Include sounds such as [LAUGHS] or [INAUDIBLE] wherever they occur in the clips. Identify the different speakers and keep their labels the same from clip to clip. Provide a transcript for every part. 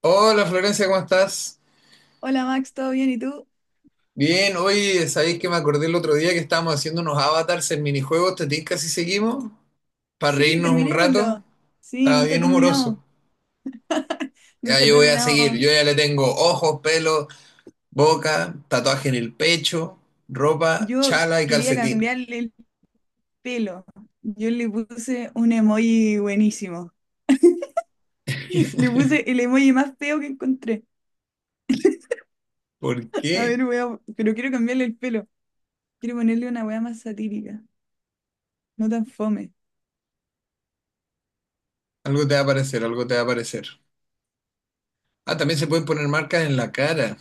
Speaker 1: Hola Florencia, ¿cómo estás?
Speaker 2: Hola Max, ¿todo bien? ¿Y tú?
Speaker 1: Bien, hoy sabéis que me acordé el otro día que estábamos haciendo unos avatars en minijuegos, te tinca si seguimos, para
Speaker 2: Sí,
Speaker 1: reírnos un rato,
Speaker 2: terminémoslo. Sí,
Speaker 1: estaba
Speaker 2: nunca
Speaker 1: bien
Speaker 2: terminamos,
Speaker 1: humoroso. Ya
Speaker 2: nunca
Speaker 1: yo voy a seguir,
Speaker 2: terminamos.
Speaker 1: yo ya le tengo ojos, pelo, boca, tatuaje en el pecho, ropa,
Speaker 2: Yo
Speaker 1: chala y
Speaker 2: quería
Speaker 1: calcetín.
Speaker 2: cambiarle el pelo. Yo le puse un emoji buenísimo. [LAUGHS] Le puse el emoji más feo que encontré.
Speaker 1: ¿Por
Speaker 2: A
Speaker 1: qué?
Speaker 2: ver, weón, pero quiero cambiarle el pelo. Quiero ponerle una weá más satírica, no tan fome.
Speaker 1: Algo te va a aparecer, algo te va a aparecer. Ah, también se pueden poner marcas en la cara,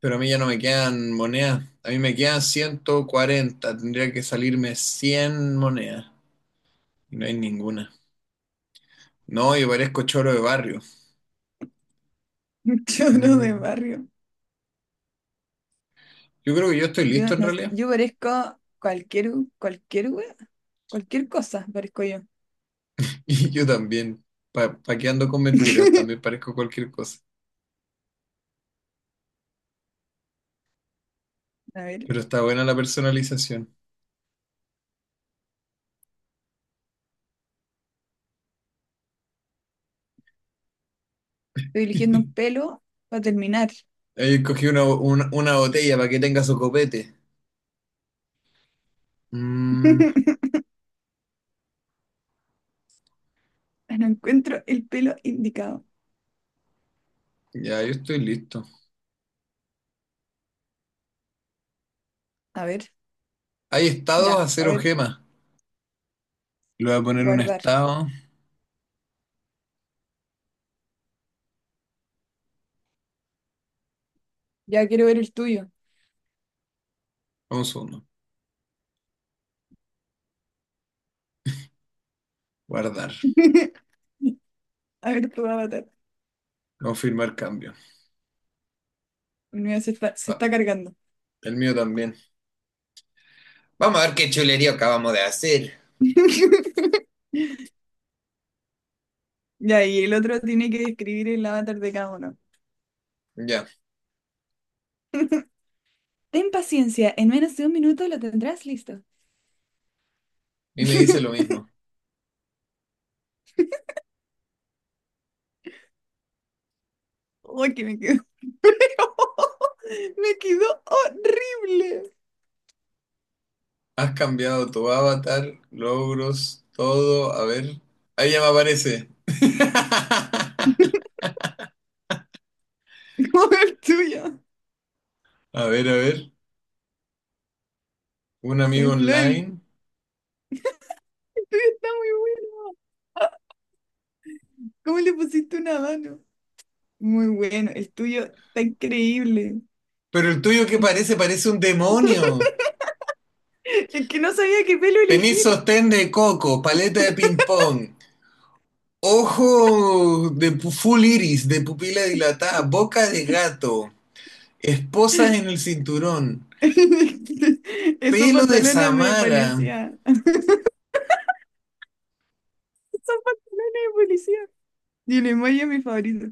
Speaker 1: pero a mí ya no me quedan monedas, a mí me quedan 140, tendría que salirme 100 monedas. No hay ninguna. No, y parezco choro de barrio.
Speaker 2: [LAUGHS] Choro de
Speaker 1: Mm,
Speaker 2: barrio.
Speaker 1: Yo creo que yo estoy
Speaker 2: Yo,
Speaker 1: listo en
Speaker 2: no,
Speaker 1: realidad.
Speaker 2: yo parezco cualquier, cualquier weá, cualquier cosa parezco yo.
Speaker 1: [LAUGHS] Y yo también. Pa' qué ando con mentiras, también
Speaker 2: [LAUGHS]
Speaker 1: parezco cualquier cosa.
Speaker 2: A ver, estoy
Speaker 1: Pero está buena la personalización.
Speaker 2: eligiendo un
Speaker 1: [LAUGHS]
Speaker 2: pelo para terminar.
Speaker 1: Ahí cogí una botella para que tenga su copete. Mm,
Speaker 2: [LAUGHS] No encuentro el pelo indicado.
Speaker 1: ya, yo estoy listo.
Speaker 2: A ver,
Speaker 1: Hay estados
Speaker 2: ya,
Speaker 1: a
Speaker 2: a
Speaker 1: 0
Speaker 2: ver,
Speaker 1: gemas. Le voy a poner un
Speaker 2: guardar.
Speaker 1: estado.
Speaker 2: Ya quiero ver el tuyo.
Speaker 1: Un segundo. Guardar.
Speaker 2: [LAUGHS] A ver tu avatar.
Speaker 1: Confirmar cambio.
Speaker 2: Mira, se está, se
Speaker 1: Ah,
Speaker 2: está cargando.
Speaker 1: el mío también. Vamos a ver qué chulería acabamos de hacer.
Speaker 2: [LAUGHS] Ya, y el otro tiene que describir el avatar de cada uno.
Speaker 1: Ya.
Speaker 2: [LAUGHS] Ten paciencia, en menos de un minuto lo tendrás listo.
Speaker 1: Y me dice lo
Speaker 2: [LAUGHS]
Speaker 1: mismo.
Speaker 2: Uy, que me quedó. [LAUGHS] Me quedó horrible.
Speaker 1: Has cambiado tu avatar, logros, todo. A ver. Ahí ya me aparece. [LAUGHS]
Speaker 2: [LAUGHS] Como el tuyo.
Speaker 1: A ver, a ver. Un amigo
Speaker 2: Saint Floyd. El
Speaker 1: online.
Speaker 2: tuyo [LAUGHS] está muy bueno. ¿Cómo le pusiste una mano? Muy bueno, el tuyo está increíble.
Speaker 1: Pero el tuyo que parece, parece un demonio.
Speaker 2: Es que no sabía qué pelo
Speaker 1: Tenés
Speaker 2: elegir.
Speaker 1: sostén de coco, paleta de ping-pong, ojo de full iris, de pupila dilatada, boca de gato, esposas en el cinturón,
Speaker 2: [LAUGHS] Esos
Speaker 1: pelo de
Speaker 2: pantalones de
Speaker 1: Samara.
Speaker 2: policía. [LAUGHS] Esos pantalones de policía. Y el emoji es mi favorito.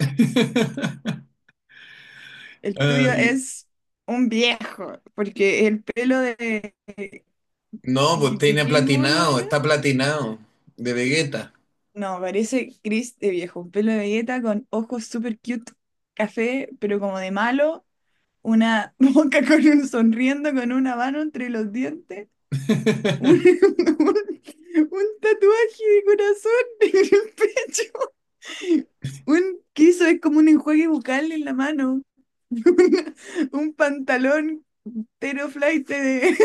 Speaker 1: [LAUGHS]
Speaker 2: El
Speaker 1: Ah,
Speaker 2: tuyo
Speaker 1: y
Speaker 2: es un viejo, porque el pelo de…
Speaker 1: No, pues
Speaker 2: ¿¿De
Speaker 1: tiene
Speaker 2: qué mono
Speaker 1: platinado,
Speaker 2: era?
Speaker 1: está platinado, de Vegeta.
Speaker 2: No, parece Chris de viejo. Un pelo de galleta con ojos super cute, café, pero como de malo. Una [LAUGHS] boca con un sonriendo, con una mano entre los dientes. [LAUGHS] Un,
Speaker 1: [LAUGHS]
Speaker 2: un- un tatuaje de corazón [LAUGHS] en el pecho. Un que eso es como un enjuague bucal en la mano. [LAUGHS] Una- un pantalón tero teroflaite de,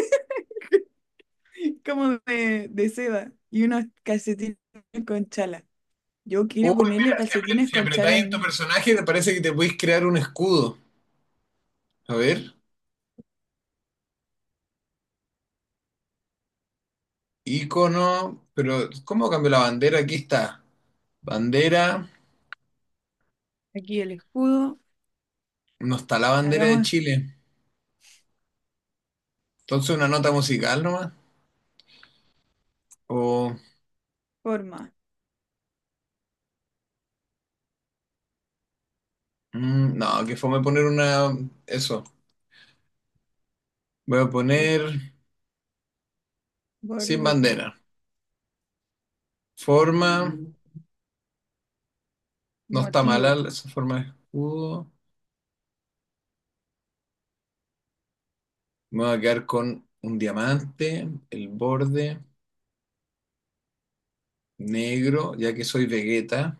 Speaker 2: [LAUGHS] como de seda. Y unos calcetines con chala. Yo
Speaker 1: Uy,
Speaker 2: quiero ponerle
Speaker 1: mira, si,
Speaker 2: calcetines
Speaker 1: si
Speaker 2: con chala
Speaker 1: apretáis
Speaker 2: al
Speaker 1: en tu
Speaker 2: mío.
Speaker 1: personaje, te parece que te podéis crear un escudo. A ver, icono, pero ¿cómo cambio la bandera? Aquí está. Bandera,
Speaker 2: Aquí el escudo.
Speaker 1: no está la bandera de
Speaker 2: Hagamos
Speaker 1: Chile. Entonces, una nota musical nomás. O,
Speaker 2: forma.
Speaker 1: no, que fome poner una. Eso, voy a
Speaker 2: A ver,
Speaker 1: poner sin
Speaker 2: borde.
Speaker 1: bandera. Forma, no está
Speaker 2: Motivo.
Speaker 1: mala esa forma de escudo. Me voy a quedar con un diamante, el borde negro, ya que soy Vegeta.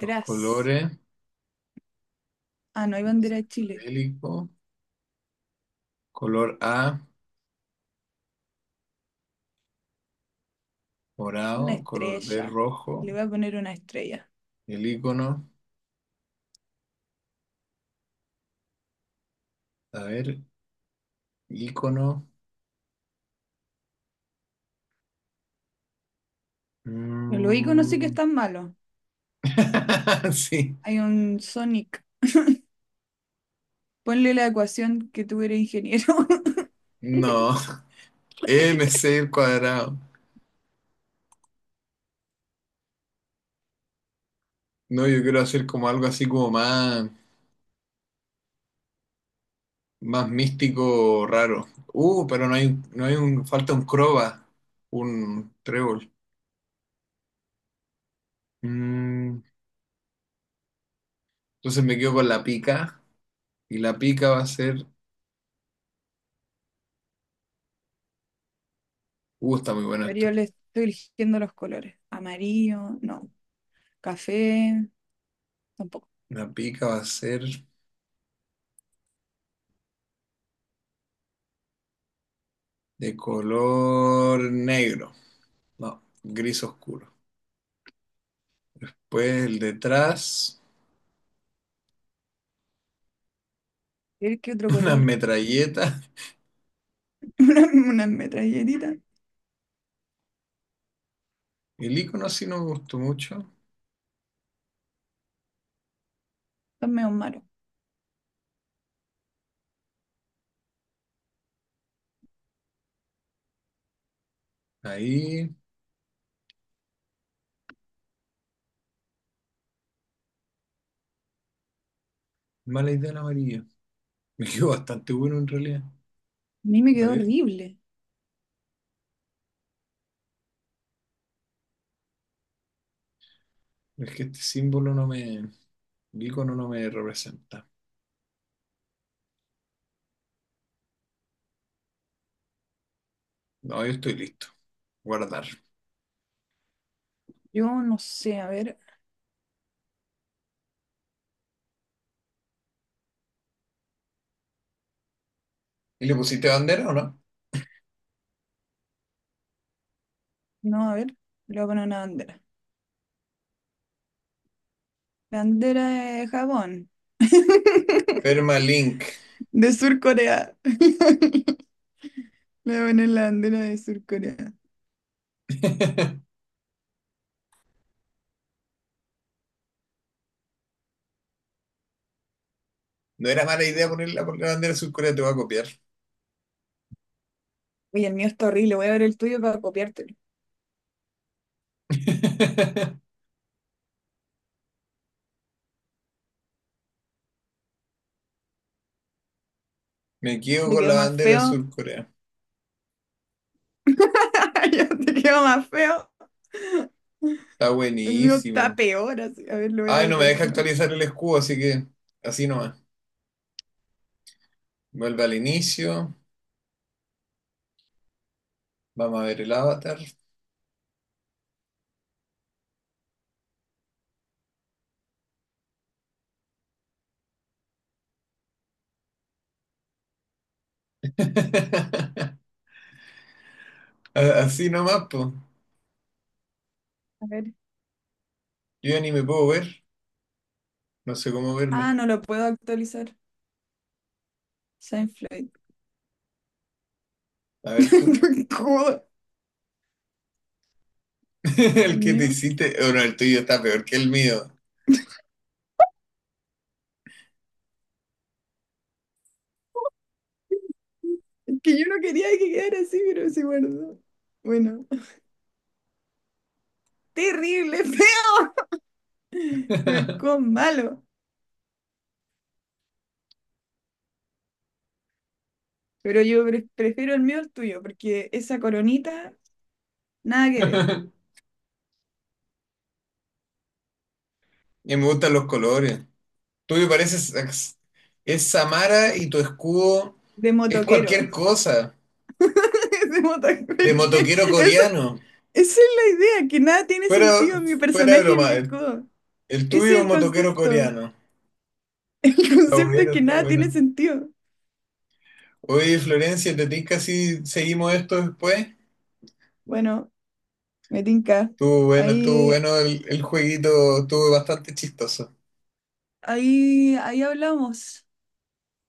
Speaker 1: Los colores,
Speaker 2: Ah, no hay bandera de Chile.
Speaker 1: psicodélico, color A,
Speaker 2: Una
Speaker 1: morado, color B,
Speaker 2: estrella. Le
Speaker 1: rojo.
Speaker 2: voy a poner una estrella.
Speaker 1: El icono, a ver, icono.
Speaker 2: Los iconos sí que
Speaker 1: mm,
Speaker 2: están malos.
Speaker 1: [LAUGHS] Sí,
Speaker 2: Hay un Sonic. Ponle la ecuación que tuviera ingeniero. [LAUGHS]
Speaker 1: no, MC al cuadrado. No, yo quiero hacer como algo así como más, más místico, raro. Pero no hay, falta un croba, un trébol. Mm, entonces me quedo con la pica. Y la pica va a ser. Está muy bueno
Speaker 2: A
Speaker 1: esto.
Speaker 2: yo le estoy eligiendo los colores. Amarillo, no. Café, tampoco.
Speaker 1: La pica va a ser de color negro. No, gris oscuro. Pues el detrás,
Speaker 2: A ver qué otro
Speaker 1: [LAUGHS] una
Speaker 2: color.
Speaker 1: metralleta.
Speaker 2: [LAUGHS] Una, una metralletitas.
Speaker 1: El icono sí no me gustó mucho.
Speaker 2: Están medio malos.
Speaker 1: Ahí, mala idea el amarillo. Me quedó bastante bueno en realidad.
Speaker 2: A mí me
Speaker 1: A
Speaker 2: quedó
Speaker 1: ver,
Speaker 2: horrible.
Speaker 1: es que este símbolo no me. El icono no me representa. No, yo estoy listo. Guardar.
Speaker 2: Yo no sé, a ver.
Speaker 1: ¿Y le pusiste bandera o no?
Speaker 2: No, a ver. Le voy a poner una bandera. Bandera de Japón. [LAUGHS]
Speaker 1: Permalink.
Speaker 2: De Sur Corea. [LAUGHS] Me voy en La bananlandera de Sur Corea. [LAUGHS]
Speaker 1: [LAUGHS] No era mala idea ponerla la bandera de Sur Corea, te voy a copiar.
Speaker 2: Uy, el mío está horrible. Voy a ver el tuyo para copiártelo.
Speaker 1: [LAUGHS] Me quedo
Speaker 2: Te
Speaker 1: con
Speaker 2: quedó
Speaker 1: la
Speaker 2: más
Speaker 1: bandera de
Speaker 2: feo.
Speaker 1: Sur Corea.
Speaker 2: [LAUGHS] Ya te quedó más feo.
Speaker 1: Está
Speaker 2: El mío está
Speaker 1: buenísimo.
Speaker 2: peor, así. A ver, lo voy a
Speaker 1: Ay, no me
Speaker 2: editar
Speaker 1: deja
Speaker 2: de nuevo.
Speaker 1: actualizar el escudo, así que así nomás. Vuelve al inicio. Vamos a ver el avatar. [LAUGHS] A- Así nomás, po.
Speaker 2: A ver.
Speaker 1: Yo ya ni me puedo ver. No sé cómo
Speaker 2: Ah,
Speaker 1: verme.
Speaker 2: no lo puedo actualizar. Seinfeld.
Speaker 1: A ver tú.
Speaker 2: [LAUGHS] Joder,
Speaker 1: [LAUGHS]
Speaker 2: el
Speaker 1: El que te
Speaker 2: mío.
Speaker 1: hiciste. Bueno, el tuyo está peor que el mío.
Speaker 2: Es que yo no quería que quedara así, pero se guardó. Bueno. Terrible, [LAUGHS] feo. No es con malo. Pero yo prefiero el mío al tuyo, porque esa coronita, nada que ver.
Speaker 1: [LAUGHS] Y me gustan los colores. Tú me pareces ex- es Samara y tu escudo
Speaker 2: De
Speaker 1: es
Speaker 2: motoquero.
Speaker 1: cualquier cosa
Speaker 2: Decimos tal cual
Speaker 1: de
Speaker 2: que
Speaker 1: motoquero
Speaker 2: eso,
Speaker 1: coreano.
Speaker 2: esa es la idea, que nada tiene
Speaker 1: Fuera,
Speaker 2: sentido en mi
Speaker 1: fuera de
Speaker 2: personaje y mi
Speaker 1: broma,
Speaker 2: escudo.
Speaker 1: el
Speaker 2: Ese
Speaker 1: tuyo es
Speaker 2: es
Speaker 1: un
Speaker 2: el
Speaker 1: motoquero
Speaker 2: concepto.
Speaker 1: coreano.
Speaker 2: El [LAUGHS]
Speaker 1: Está
Speaker 2: concepto es
Speaker 1: bueno,
Speaker 2: que
Speaker 1: está
Speaker 2: nada tiene
Speaker 1: bueno.
Speaker 2: sentido.
Speaker 1: Oye, Florencia, ¿te tinca si seguimos esto después?
Speaker 2: Bueno, me tinca.
Speaker 1: Estuvo
Speaker 2: Ahí,
Speaker 1: bueno el jueguito, estuvo bastante chistoso.
Speaker 2: ahí hablamos.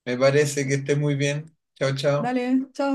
Speaker 1: Me parece que estés muy bien. Chao, chao.
Speaker 2: Dale, chao.